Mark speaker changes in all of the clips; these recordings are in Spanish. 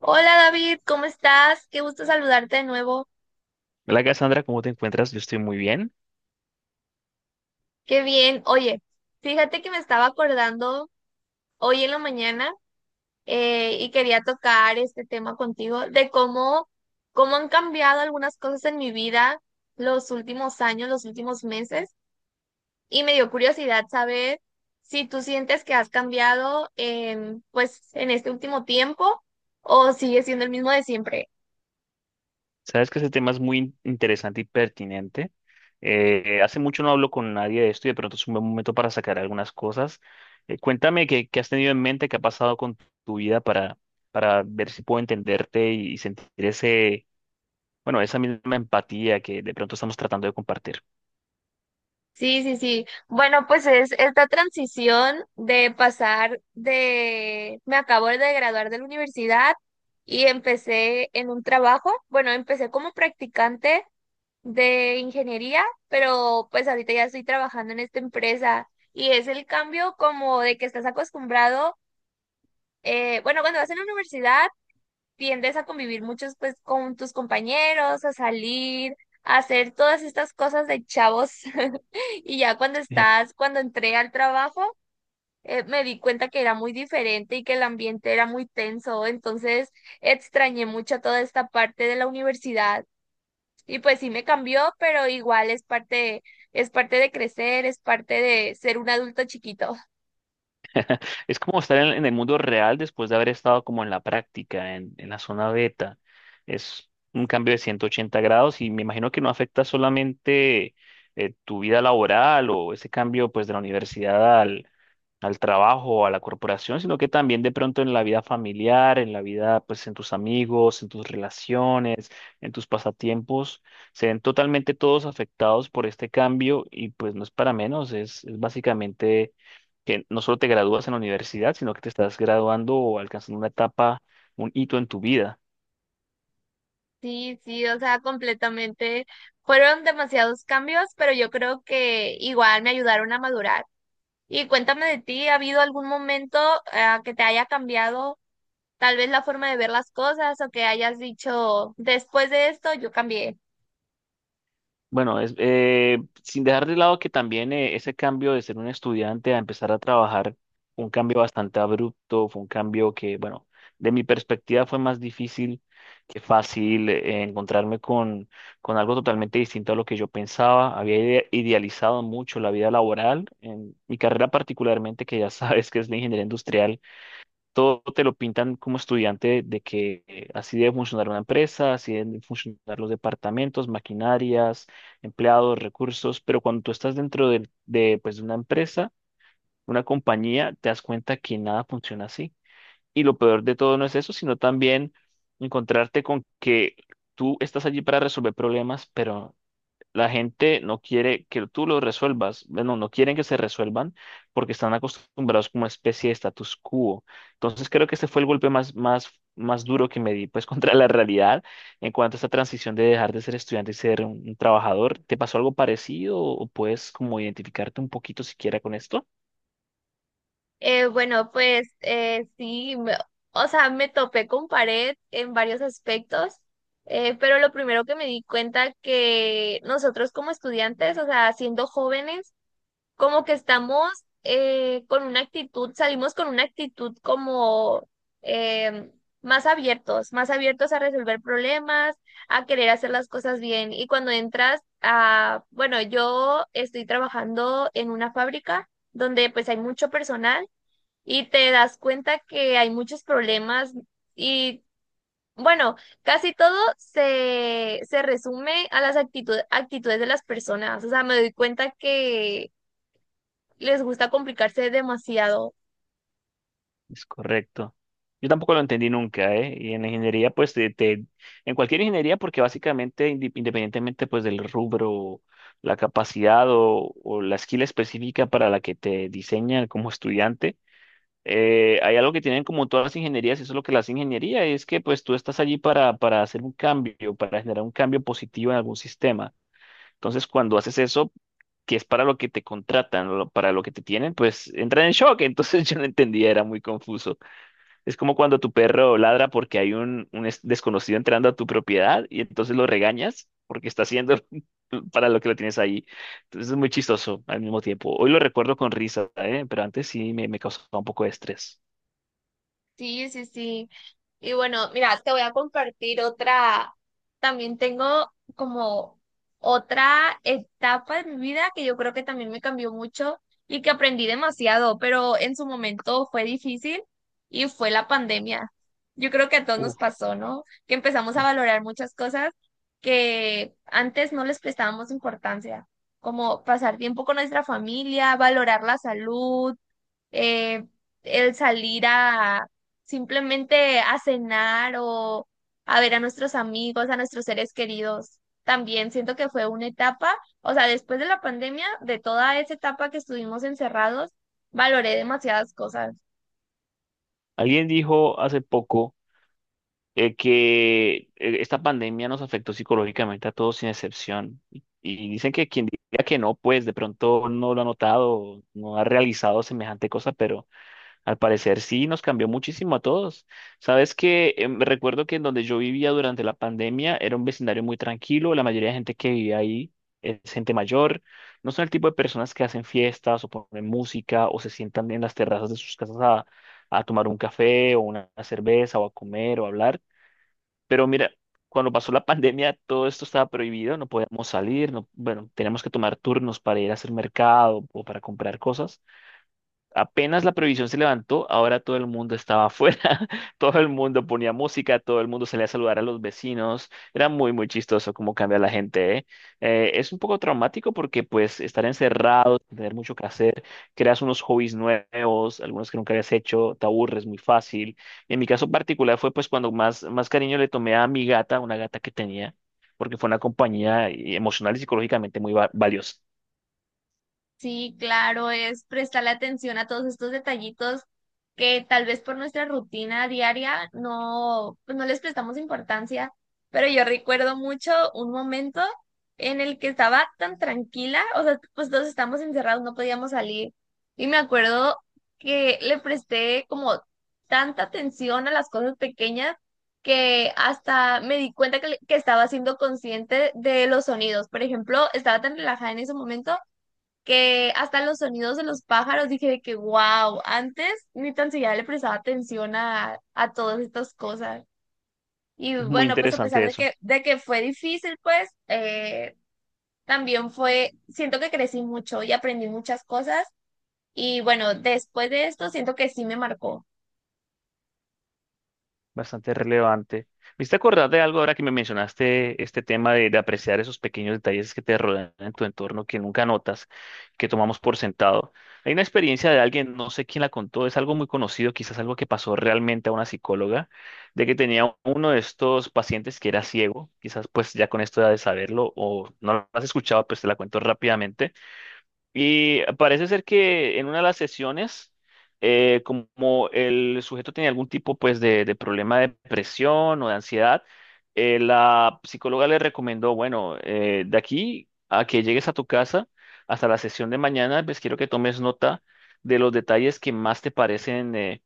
Speaker 1: Hola David, ¿cómo estás? Qué gusto saludarte de nuevo.
Speaker 2: Hola Cassandra, ¿cómo te encuentras? Yo estoy muy bien.
Speaker 1: Qué bien. Oye, fíjate que me estaba acordando hoy en la mañana y quería tocar este tema contigo de cómo han cambiado algunas cosas en mi vida los últimos años, los últimos meses. Y me dio curiosidad saber si tú sientes que has cambiado en, pues, en este último tiempo o sigues siendo el mismo de siempre.
Speaker 2: Sabes que ese tema es muy interesante y pertinente. Hace mucho no hablo con nadie de esto y de pronto es un buen momento para sacar algunas cosas. Cuéntame qué has tenido en mente, qué ha pasado con tu vida para ver si puedo entenderte y sentir bueno, esa misma empatía que de pronto estamos tratando de compartir.
Speaker 1: Sí, sí, sí. Bueno, pues es esta transición de pasar de, me acabo de graduar de la universidad y empecé en un trabajo. Bueno, empecé como practicante de ingeniería, pero pues ahorita ya estoy trabajando en esta empresa y es el cambio como de que estás acostumbrado, bueno, cuando vas en la universidad tiendes a convivir muchos pues con tus compañeros, a salir, a hacer todas estas cosas de chavos. Y ya cuando estás, cuando entré al trabajo, me di cuenta que era muy diferente y que el ambiente era muy tenso, entonces extrañé mucho toda esta parte de la universidad. Y pues sí me cambió, pero igual es parte de crecer, es parte de ser un adulto chiquito.
Speaker 2: Es como estar en el mundo real después de haber estado como en la práctica, en la zona beta. Es un cambio de 180 grados y me imagino que no afecta solamente tu vida laboral o ese cambio pues de la universidad al trabajo o a la corporación, sino que también de pronto en la vida familiar, en la vida, pues en tus amigos, en tus relaciones, en tus pasatiempos, se ven totalmente todos afectados por este cambio y pues no es para menos, es básicamente que no solo te gradúas en la universidad, sino que te estás graduando o alcanzando una etapa, un hito en tu vida.
Speaker 1: Sí, sí, o sea, completamente. Fueron demasiados cambios, pero yo creo que igual me ayudaron a madurar. Y cuéntame de ti, ¿ha habido algún momento, que te haya cambiado? Tal vez la forma de ver las cosas o que hayas dicho después de esto, yo cambié.
Speaker 2: Bueno, sin dejar de lado que también ese cambio de ser un estudiante a empezar a trabajar fue un cambio bastante abrupto, fue un cambio que, bueno, de mi perspectiva fue más difícil que fácil, encontrarme con algo totalmente distinto a lo que yo pensaba. Había idealizado mucho la vida laboral, en mi carrera particularmente, que ya sabes que es la ingeniería industrial. Todo te lo pintan como estudiante de que así debe funcionar una empresa, así deben funcionar los departamentos, maquinarias, empleados, recursos, pero cuando tú estás dentro de, pues, de una empresa, una compañía, te das cuenta que nada funciona así. Y lo peor de todo no es eso, sino también encontrarte con que tú estás allí para resolver problemas, pero la gente no quiere que tú lo resuelvas, bueno, no quieren que se resuelvan porque están acostumbrados como una especie de status quo. Entonces creo que este fue el golpe más duro que me di, pues, contra la realidad en cuanto a esta transición de dejar de ser estudiante y ser un trabajador. ¿Te pasó algo parecido o puedes como identificarte un poquito siquiera con esto?
Speaker 1: Bueno, pues sí, o sea, me topé con pared en varios aspectos, pero lo primero que me di cuenta que nosotros como estudiantes, o sea, siendo jóvenes, como que estamos con una actitud, salimos con una actitud como eh, más abiertos a resolver problemas, a querer hacer las cosas bien. Y cuando entras a, bueno, yo estoy trabajando en una fábrica donde pues hay mucho personal y te das cuenta que hay muchos problemas y bueno, casi todo se resume a las actitudes de las personas. O sea, me doy cuenta que les gusta complicarse demasiado.
Speaker 2: Es correcto. Yo tampoco lo entendí nunca, ¿eh? Y en la ingeniería, pues, en cualquier ingeniería, porque básicamente, independientemente, pues, del rubro, la capacidad o la skill específica para la que te diseñan como estudiante, hay algo que tienen como todas las ingenierías, y eso es lo que las ingeniería, es que, pues, tú estás allí para hacer un cambio, para generar un cambio positivo en algún sistema. Entonces, cuando haces eso, que es para lo que te contratan, para lo que te tienen, pues, entran en shock. Entonces, yo no entendía, era muy confuso. Es como cuando tu perro ladra porque hay un desconocido entrando a tu propiedad y entonces lo regañas porque está haciendo para lo que lo tienes ahí. Entonces es muy chistoso al mismo tiempo. Hoy lo recuerdo con risa, ¿eh? Pero antes sí me causaba un poco de estrés.
Speaker 1: Sí, sí, sí. Y bueno, mira, te voy a compartir otra. También tengo como otra etapa de mi vida que yo creo que también me cambió mucho y que aprendí demasiado, pero en su momento fue difícil y fue la pandemia. Yo creo que a todos nos
Speaker 2: Uf.
Speaker 1: pasó, ¿no? Que empezamos a valorar muchas cosas que antes no les prestábamos importancia, como pasar tiempo con nuestra familia, valorar la salud eh, el salir a simplemente a cenar o a ver a nuestros amigos, a nuestros seres queridos. También siento que fue una etapa, o sea, después de la pandemia, de toda esa etapa que estuvimos encerrados, valoré demasiadas cosas.
Speaker 2: Alguien dijo hace poco que esta pandemia nos afectó psicológicamente a todos sin excepción. Y dicen que quien diga que no, pues de pronto no lo ha notado, no ha realizado semejante cosa, pero... Al parecer sí, nos cambió muchísimo a todos. Sabes que, me recuerdo que en donde yo vivía durante la pandemia era un vecindario muy tranquilo, la mayoría de gente que vivía ahí es gente mayor, no son el tipo de personas que hacen fiestas o ponen música o se sientan en las terrazas de sus casas a tomar un café o una cerveza o a comer o a hablar. Pero mira, cuando pasó la pandemia todo esto estaba prohibido, no podíamos salir, no, bueno, teníamos que tomar turnos para ir a hacer mercado o para comprar cosas. Apenas la prohibición se levantó, ahora todo el mundo estaba afuera, todo el mundo ponía música, todo el mundo salía a saludar a los vecinos, era muy, muy chistoso cómo cambia la gente, ¿eh? Es un poco traumático porque pues estar encerrado, tener mucho que hacer, creas unos hobbies nuevos, algunos que nunca habías hecho, te aburres muy fácil. En mi caso particular fue pues cuando más cariño le tomé a mi gata, una gata que tenía, porque fue una compañía, emocional y psicológicamente muy valiosa.
Speaker 1: Sí, claro, es prestarle atención a todos estos detallitos que tal vez por nuestra rutina diaria no, pues no les prestamos importancia, pero yo recuerdo mucho un momento en el que estaba tan tranquila, o sea, pues todos estábamos encerrados, no podíamos salir, y me acuerdo que le presté como tanta atención a las cosas pequeñas que hasta me di cuenta que estaba siendo consciente de los sonidos. Por ejemplo, estaba tan relajada en ese momento que hasta los sonidos de los pájaros dije de que wow, antes ni tan siquiera le prestaba atención a todas estas cosas. Y
Speaker 2: Muy
Speaker 1: bueno, pues a
Speaker 2: interesante
Speaker 1: pesar de
Speaker 2: eso.
Speaker 1: de que fue difícil, pues también fue, siento que crecí mucho y aprendí muchas cosas. Y bueno, después de esto siento que sí me marcó.
Speaker 2: Bastante relevante. ¿Me hiciste acordar de algo ahora que me mencionaste este tema de apreciar esos pequeños detalles que te rodean en tu entorno que nunca notas, que tomamos por sentado? Hay una experiencia de alguien, no sé quién la contó, es algo muy conocido, quizás algo que pasó realmente a una psicóloga, de que tenía uno de estos pacientes que era ciego, quizás pues ya con esto ya de saberlo o no lo has escuchado, pues te la cuento rápidamente. Y parece ser que en una de las sesiones, como el sujeto tenía algún tipo pues de problema de depresión o de ansiedad, la psicóloga le recomendó, bueno, de aquí a que llegues a tu casa hasta la sesión de mañana, pues quiero que tomes nota de los detalles que más te parecen eh,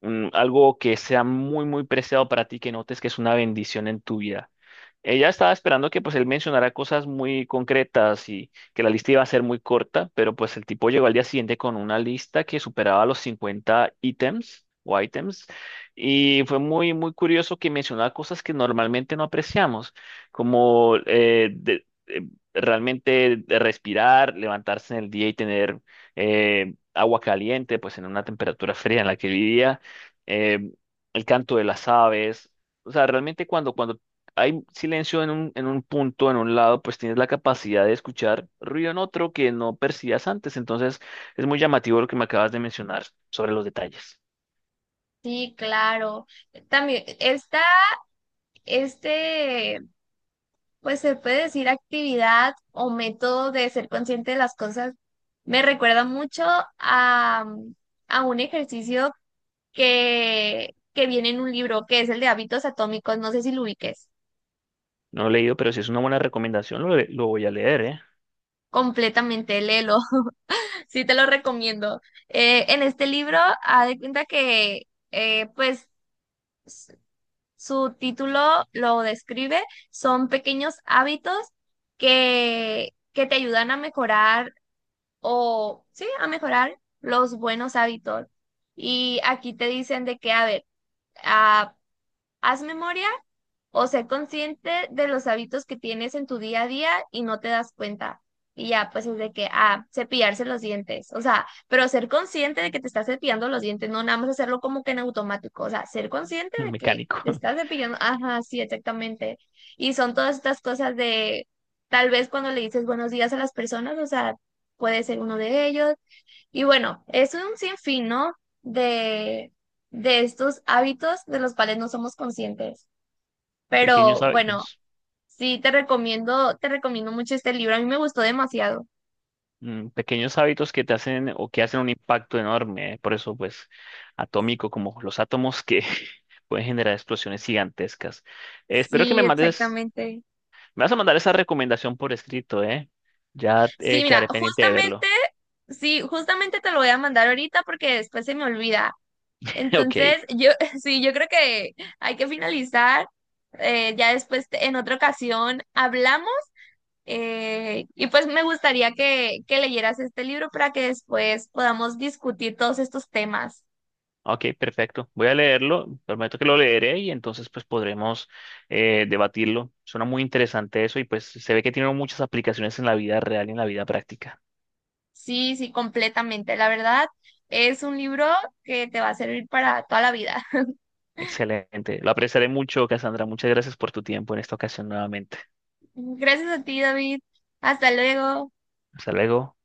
Speaker 2: mm, algo que sea muy, muy preciado para ti, que notes que es una bendición en tu vida. Ella estaba esperando que pues él mencionara cosas muy concretas y que la lista iba a ser muy corta, pero pues el tipo llegó al día siguiente con una lista que superaba los 50 ítems o ítems, y fue muy, muy curioso que mencionaba cosas que normalmente no apreciamos, como realmente de respirar, levantarse en el día y tener, agua caliente, pues en una temperatura fría en la que vivía, eh, el canto de las aves. O sea, realmente cuando hay silencio en en un punto, en un lado, pues tienes la capacidad de escuchar ruido en otro que no percibías antes. Entonces, es muy llamativo lo que me acabas de mencionar sobre los detalles.
Speaker 1: Sí, claro. También está este, pues se puede decir actividad o método de ser consciente de las cosas. Me recuerda mucho a, a un ejercicio que viene en un libro, que es el de hábitos atómicos. No sé si lo ubiques
Speaker 2: No lo he leído, pero si es una buena recomendación, lo voy a leer, ¿eh?
Speaker 1: completamente, léelo. Sí te lo recomiendo. En este libro, haz de cuenta que, pues, su título lo describe. Son pequeños hábitos que te ayudan a mejorar o sí, a mejorar los buenos hábitos. Y aquí te dicen de que, a ver, ah, haz memoria o sé consciente de los hábitos que tienes en tu día a día y no te das cuenta. Y ya, pues es de que, ah, cepillarse los dientes. O sea, pero ser consciente de que te estás cepillando los dientes, no nada más hacerlo como que en automático. O sea, ser consciente de que
Speaker 2: Mecánico.
Speaker 1: te estás cepillando. Ajá, sí, exactamente. Y son todas estas cosas de, tal vez cuando le dices buenos días a las personas, o sea, puede ser uno de ellos, y bueno, es un sinfín, ¿no? De, de estos hábitos de los cuales no somos conscientes.
Speaker 2: Pequeños
Speaker 1: Pero bueno,
Speaker 2: hábitos.
Speaker 1: sí te recomiendo mucho este libro. A mí me gustó demasiado.
Speaker 2: Mm, pequeños hábitos que te hacen o que hacen un impacto enorme, ¿eh? Por eso, pues, atómico, como los átomos que pueden generar explosiones gigantescas. Espero que me
Speaker 1: Sí,
Speaker 2: mandes.
Speaker 1: exactamente.
Speaker 2: Me vas a mandar esa recomendación por escrito, ¿eh? Ya,
Speaker 1: Sí, mira,
Speaker 2: quedaré pendiente de
Speaker 1: justamente,
Speaker 2: verlo.
Speaker 1: sí, justamente te lo voy a mandar ahorita porque después se me olvida.
Speaker 2: Ok,
Speaker 1: Entonces, yo, sí, yo creo que hay que finalizar. Ya después, en otra ocasión, hablamos. Y pues me gustaría que leyeras este libro para que después podamos discutir todos estos temas.
Speaker 2: ok, perfecto. Voy a leerlo, prometo que lo leeré y entonces pues podremos, debatirlo. Suena muy interesante eso y pues se ve que tiene muchas aplicaciones en la vida real y en la vida práctica.
Speaker 1: Sí, sí, completamente. La verdad, es un libro que te va a servir para toda la vida.
Speaker 2: Excelente. Lo apreciaré mucho, Cassandra. Muchas gracias por tu tiempo en esta ocasión nuevamente.
Speaker 1: Gracias a ti, David. Hasta luego.
Speaker 2: Hasta luego.